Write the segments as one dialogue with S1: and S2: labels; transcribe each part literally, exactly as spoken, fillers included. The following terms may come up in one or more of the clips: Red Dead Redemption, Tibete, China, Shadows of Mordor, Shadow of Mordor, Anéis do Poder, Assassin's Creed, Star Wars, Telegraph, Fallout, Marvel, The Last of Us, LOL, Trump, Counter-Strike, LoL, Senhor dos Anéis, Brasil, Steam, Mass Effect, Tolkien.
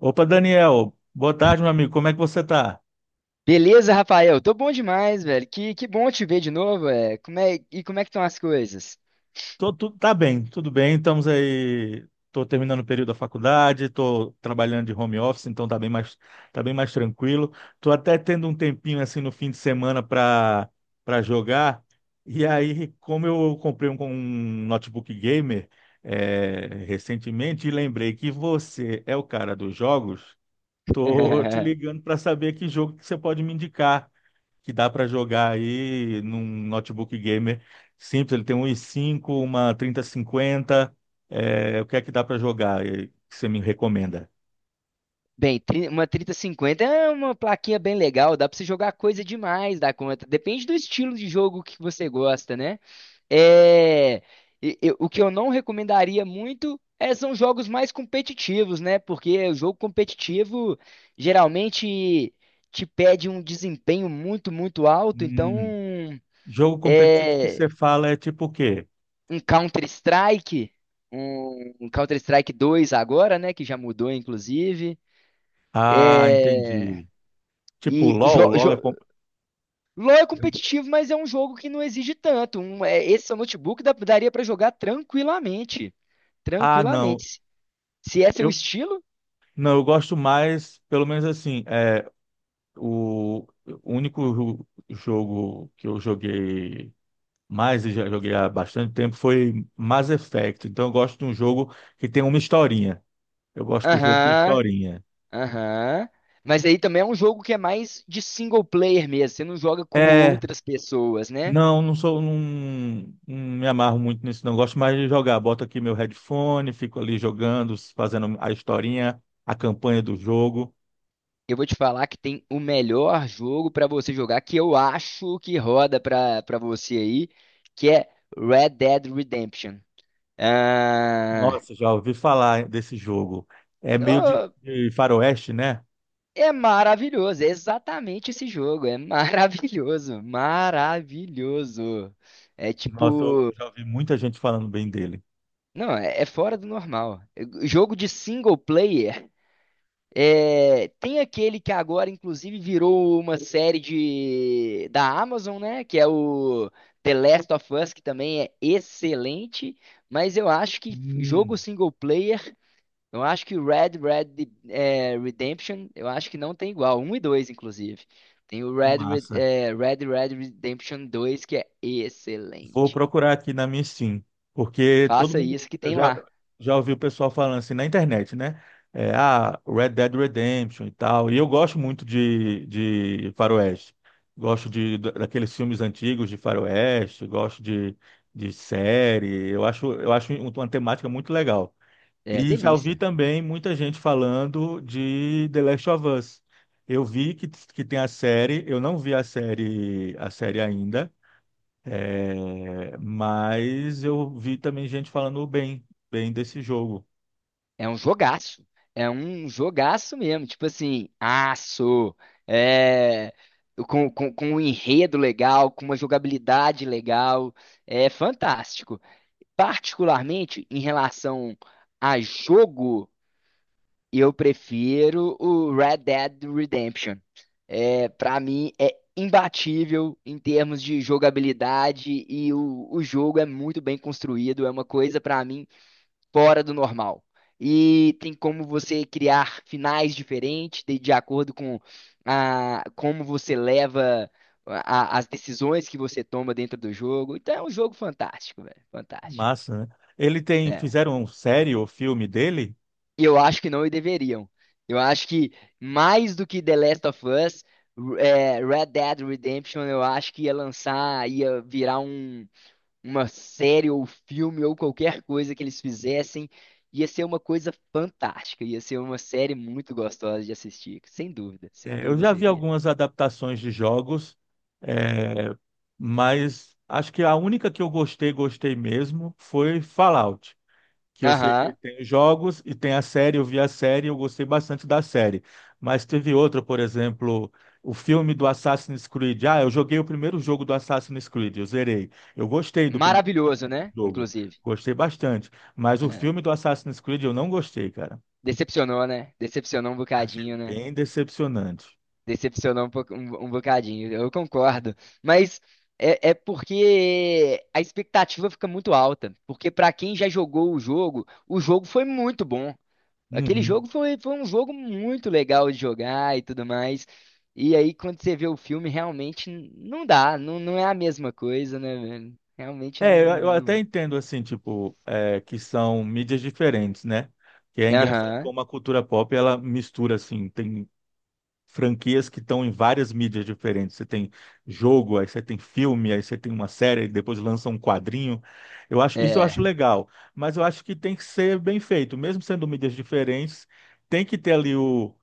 S1: Opa, Daniel. Boa tarde, meu amigo. Como é que você tá?
S2: Beleza, Rafael? Tô bom demais, velho. Que, que bom te ver de novo, é. Como é, e como é que estão as coisas?
S1: Tô, tu- tá bem, tudo bem. Estamos aí. Tô terminando o período da faculdade, tô trabalhando de home office, então tá bem mais, tá bem mais tranquilo. Tô até tendo um tempinho assim no fim de semana para para jogar. E aí, como eu comprei um, um notebook gamer é, recentemente e lembrei que você é o cara dos jogos, tô te ligando para saber que jogo que você pode me indicar. Que dá para jogar aí num notebook gamer simples. Ele tem um i cinco, uma trinta cinquenta. É, o que é que dá para jogar eh, que você me recomenda?
S2: Bem, tri- uma trinta cinquenta é uma plaquinha bem legal, dá pra você jogar coisa demais da conta. Depende do estilo de jogo que você gosta, né? É, e- eu- o que eu não recomendaria muito é, são jogos mais competitivos, né? Porque o jogo competitivo geralmente te pede um desempenho muito, muito alto, então
S1: Hum, jogo competitivo que
S2: é,
S1: você fala é tipo o quê?
S2: um Counter-Strike, um um Counter-Strike dois agora, né? Que já mudou, inclusive.
S1: Ah,
S2: É...
S1: entendi. Tipo
S2: E o
S1: LOL,
S2: jo-
S1: LOL
S2: jo-
S1: é com-
S2: LoL é competitivo, mas é um jogo que não exige tanto. Um, é, esse seu notebook dá- daria pra jogar tranquilamente.
S1: Ah, não.
S2: Tranquilamente. Se se é seu
S1: Eu
S2: estilo,
S1: Não, eu gosto mais, pelo menos assim, é o o único jo- jogo que eu joguei, mas eu já joguei há bastante tempo, foi Mass Effect. Então eu gosto de um jogo que tem uma historinha. Eu gosto de jogo com
S2: aham,
S1: historinha.
S2: aham. Mas aí também é um jogo que é mais de single player mesmo. Você não joga com
S1: É,
S2: outras pessoas, né?
S1: não, não sou, não, não me amarro muito nisso, não. Gosto mais de jogar. Boto aqui meu headphone, fico ali jogando, fazendo a historinha, a campanha do jogo.
S2: Eu vou te falar que tem o melhor jogo pra você jogar, que eu acho que roda pra para você aí, que é Red Dead Redemption. Ah,
S1: Nossa, já ouvi falar desse jogo. É meio de,
S2: oh,
S1: de faroeste, né?
S2: é maravilhoso, é exatamente esse jogo, é maravilhoso, maravilhoso. É
S1: Nossa, eu
S2: tipo,
S1: já ouvi muita gente falando bem dele.
S2: não, é, é fora do normal. Jogo de single player. É, tem aquele que agora, inclusive, virou uma série de, da Amazon, né? Que é o The Last of Us, que também é excelente. Mas eu acho que jogo
S1: Hum,
S2: single player, eu acho que Red Red é, Redemption, eu acho que não tem igual. Um e dois, inclusive. Tem o
S1: que
S2: Red, Red,
S1: massa.
S2: é, Red Red Redemption dois que é
S1: Vou
S2: excelente.
S1: procurar aqui na minha Steam, porque todo
S2: Faça
S1: mundo
S2: isso que
S1: eu
S2: tem
S1: já
S2: lá.
S1: já ouviu o pessoal falando assim na internet, né? É, ah, Red Dead Redemption e tal. E eu gosto muito de, de faroeste. Gosto de da- daqueles filmes antigos de faroeste, gosto de, de série. Eu acho eu acho um, uma temática muito legal.
S2: É
S1: E já ouvi
S2: delícia.
S1: também muita gente falando de The Last of Us. Eu vi que, que tem a série, eu não vi a série a série ainda. É, mas eu vi também gente falando bem, bem desse jogo.
S2: É um jogaço. É um jogaço mesmo. Tipo assim, aço, é, com, com, com um enredo legal, com uma jogabilidade legal. É fantástico. Particularmente em relação a jogo, eu prefiro o Red Dead Redemption. É, para mim, é imbatível em termos de jogabilidade e o, o jogo é muito bem construído. É uma coisa, para mim, fora do normal. E tem como você criar finais diferentes de, de acordo com a, como você leva a- as decisões que você toma dentro do jogo. Então é um jogo fantástico, velho. Fantástico.
S1: Massa, né? Ele tem,
S2: É.
S1: fizeram série ou filme dele?
S2: E eu acho que não deveriam. Eu acho que mais do que The Last of Us, é, Red Dead Redemption, eu acho que ia lançar, ia virar um uma série ou filme ou qualquer coisa que eles fizessem, ia ser uma coisa fantástica, ia ser uma série muito gostosa de assistir, sem dúvida, sem
S1: É, eu
S2: dúvida
S1: já vi
S2: seria.
S1: algumas adaptações de jogos, é, mas acho que a única que eu gostei, gostei mesmo, foi Fallout. Que eu sei que
S2: Aham,
S1: tem os jogos e tem a série, eu vi a série, eu gostei bastante da série. Mas teve outra, por exemplo, o filme do Assassin's Creed. Ah, eu joguei o primeiro jogo do Assassin's Creed, eu zerei. Eu gostei do primeiro
S2: maravilhoso, né?
S1: jogo,
S2: Inclusive.
S1: gostei bastante. Mas o
S2: É.
S1: filme do Assassin's Creed eu não gostei, cara.
S2: Decepcionou, né? Decepcionou um
S1: Achei
S2: bocadinho, né?
S1: bem decepcionante.
S2: Decepcionou um, pouco- um, um bocadinho, eu concordo. Mas é, é porque a expectativa fica muito alta. Porque pra quem já jogou o jogo, o jogo foi muito bom. Aquele
S1: Uhum.
S2: jogo foi, foi um jogo muito legal de jogar e tudo mais. E aí, quando você vê o filme, realmente n- não dá, não, não é a mesma coisa, né, velho? Realmente
S1: É, eu,
S2: não, não,
S1: eu até
S2: não.
S1: entendo, assim, tipo, é, que são mídias diferentes, né? Que é engraçado
S2: Aham,
S1: como a cultura pop, ela mistura, assim, tem franquias que estão em várias mídias diferentes. Você tem jogo, aí você tem filme, aí você tem uma série, depois lança um quadrinho. Eu acho, isso eu acho
S2: é.
S1: legal, mas eu acho que tem que ser bem feito, mesmo sendo mídias diferentes, tem que ter ali o,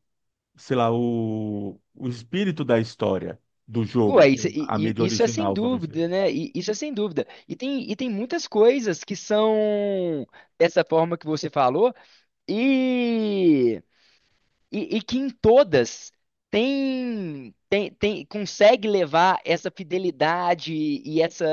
S1: sei lá, o, o espírito da história do jogo,
S2: Ué,
S1: do que é
S2: isso,
S1: a
S2: e-
S1: mídia
S2: e- Isso é sem
S1: original, vamos dizer
S2: dúvida,
S1: isso.
S2: né? E- Isso é sem dúvida. E tem, e tem muitas coisas que são dessa forma que você falou, e. E, e que em todas tem, tem, tem, Consegue levar essa fidelidade e essa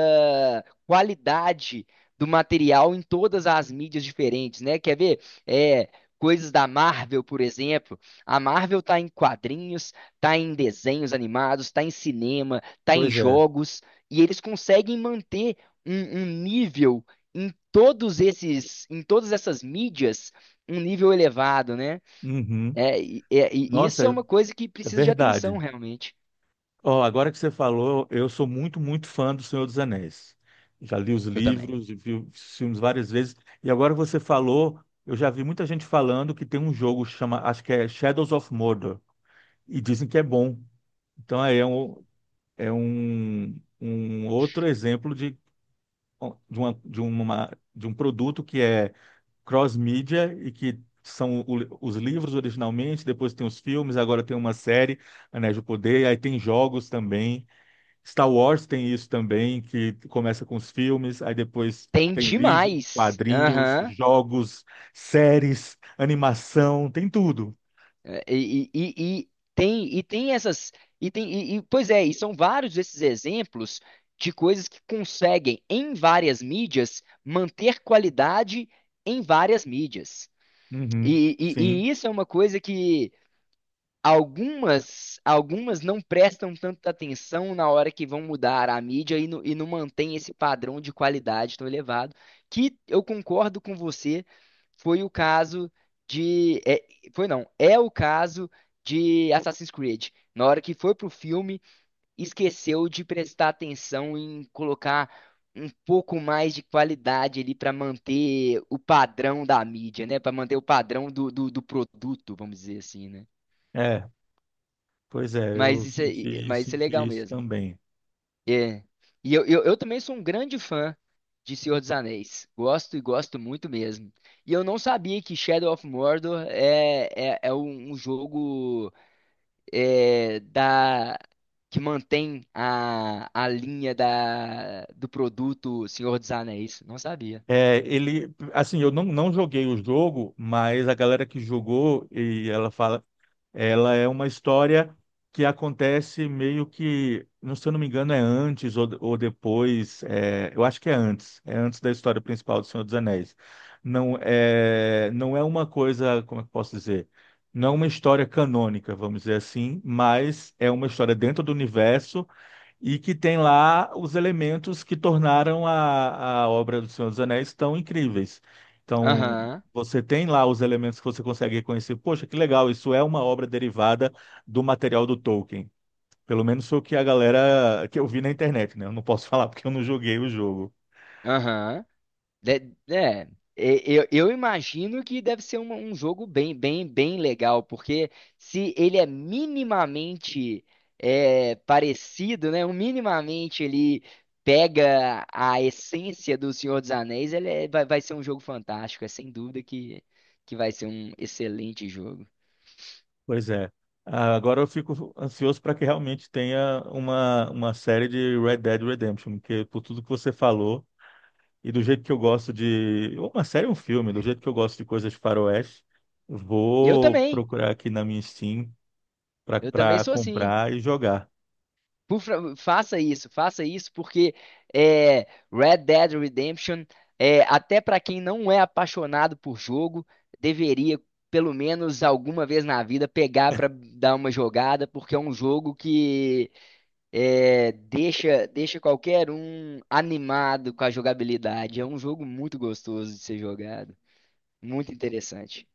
S2: qualidade do material em todas as mídias diferentes, né? Quer ver? É, coisas da Marvel, por exemplo. A Marvel tá em quadrinhos, tá em desenhos animados, tá em cinema, tá em
S1: Pois é.
S2: jogos, e eles conseguem manter um, um nível em todos esses, em todas essas mídias, um nível elevado, né?
S1: Uhum.
S2: É, e, é, e
S1: Nossa,
S2: isso é
S1: é
S2: uma coisa que
S1: é
S2: precisa de atenção,
S1: verdade.
S2: realmente.
S1: Ó, agora que você falou, eu sou muito, muito fã do Senhor dos Anéis. Já li os
S2: Eu também.
S1: livros e vi os filmes várias vezes. E agora que você falou, eu já vi muita gente falando que tem um jogo que chama, acho que é Shadows of Mordor, e dizem que é bom. Então aí é um, é um, um outro exemplo de, de, uma, de, uma, de um produto que é cross-mídia e que são o- os livros originalmente, depois tem os filmes, agora tem uma série, Anéis do Poder, aí tem jogos também. Star Wars tem isso também, que começa com os filmes, aí depois
S2: Tem
S1: tem livros,
S2: demais.
S1: quadrinhos,
S2: Aham.
S1: jogos, séries, animação, tem tudo.
S2: É, E, e, e- e tem, e tem essas. E tem, e, e- pois é, e são vários esses exemplos de coisas que conseguem, em várias mídias, manter qualidade em várias mídias.
S1: Uhum,
S2: E, e,
S1: sim,
S2: e isso é uma coisa que algumas, algumas não prestam tanta atenção na hora que vão mudar a mídia e, não- e não mantém esse padrão de qualidade tão elevado, que eu concordo com você, foi o caso de, é- foi não, é o caso de Assassin's Creed. Na hora que foi pro filme, esqueceu de prestar atenção em colocar um pouco mais de qualidade ali para manter o padrão da mídia, né? Para manter o padrão do, do do produto, vamos dizer assim, né?
S1: é, pois é,
S2: Mas
S1: eu
S2: isso é,
S1: senti,
S2: mas isso é legal
S1: senti isso
S2: mesmo.
S1: também.
S2: É. E eu, eu, eu também sou um grande fã de Senhor dos Anéis. Gosto e gosto muito mesmo. E eu não sabia que Shadow of Mordor é, é, é um, um jogo é, da, que mantém a, a linha da, do produto Senhor dos Anéis. Não sabia.
S1: É, ele, assim, eu não, não joguei o jogo, mas a galera que jogou, e ela fala. Ela é uma história que acontece meio que, não se eu não me engano, é antes ou, ou depois. É, eu acho que é antes. É antes da história principal do Senhor dos Anéis. Não é, não é uma coisa, como é que eu posso dizer? Não é uma história canônica, vamos dizer assim, mas é uma história dentro do universo e que tem lá os elementos que tornaram a, a obra do Senhor dos Anéis tão incríveis. Então,
S2: Aham,
S1: você tem lá os elementos que você consegue reconhecer. Poxa, que legal, isso é uma obra derivada do material do Tolkien. Pelo menos foi o que a galera que eu vi na internet, né? Eu não posso falar porque eu não joguei o jogo.
S2: aham. De- É, e- eu, eu imagino que deve ser um, um jogo bem, bem, bem legal, porque se ele é minimamente é, parecido, né? Um minimamente ele pega a essência do Senhor dos Anéis, ele é- vai, vai ser um jogo fantástico. É sem dúvida que, que vai ser um excelente jogo.
S1: Pois é. Ah, agora eu fico ansioso para que realmente tenha uma, uma série de Red Dead Redemption, porque por tudo que você falou, e do jeito que eu gosto de ou uma série ou um filme, do jeito que eu gosto de coisas de faroeste,
S2: Eu
S1: vou
S2: também,
S1: procurar aqui na minha Steam
S2: eu também
S1: para
S2: sou assim.
S1: comprar e jogar.
S2: Por fa- faça isso, faça isso, porque é, Red Dead Redemption, é, até para quem não é apaixonado por jogo, deveria, pelo menos alguma vez na vida, pegar para dar uma jogada, porque é um jogo que é, deixa, deixa qualquer um animado com a jogabilidade. É um jogo muito gostoso de ser jogado, muito interessante.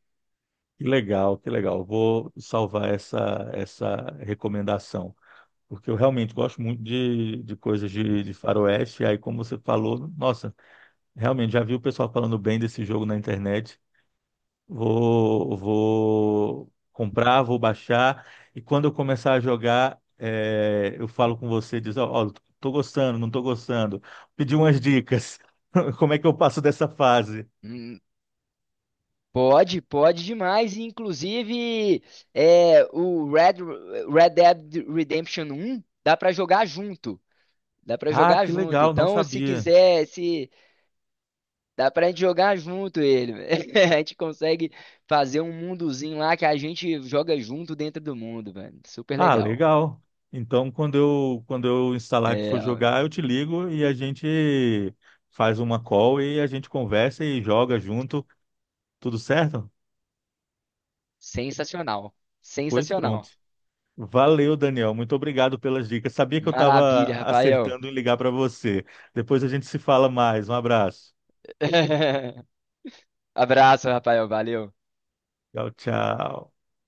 S1: Que legal, que legal. Vou salvar essa essa recomendação, porque eu realmente gosto muito de, de coisas de, de faroeste. E aí, como você falou, nossa, realmente já vi o pessoal falando bem desse jogo na internet. Vou, vou comprar, vou baixar, e quando eu começar a jogar, é, eu falo com você, diz, ó, ó, tô gostando, não tô gostando. Pedi umas dicas. Como é que eu passo dessa fase?
S2: Hum, Pode, pode demais. E, inclusive, é, o Red, Red Dead Redemption um dá pra jogar junto. Dá pra
S1: Ah,
S2: jogar
S1: que
S2: junto.
S1: legal, não
S2: Então, se
S1: sabia.
S2: quiser, se dá pra gente jogar junto ele. A gente consegue fazer um mundozinho lá que a gente joga junto dentro do mundo, velho. Super
S1: Ah,
S2: legal.
S1: legal. Então, quando eu, quando eu instalar que for
S2: É,
S1: jogar, eu te ligo e a gente faz uma call e a gente conversa e joga junto. Tudo certo?
S2: sensacional.
S1: Pois pronto.
S2: Sensacional.
S1: Valeu, Daniel. Muito obrigado pelas dicas. Sabia que eu estava
S2: Maravilha, Rafael.
S1: acertando em ligar para você. Depois a gente se fala mais. Um abraço.
S2: Abraço, Rafael. Valeu.
S1: Tchau, tchau.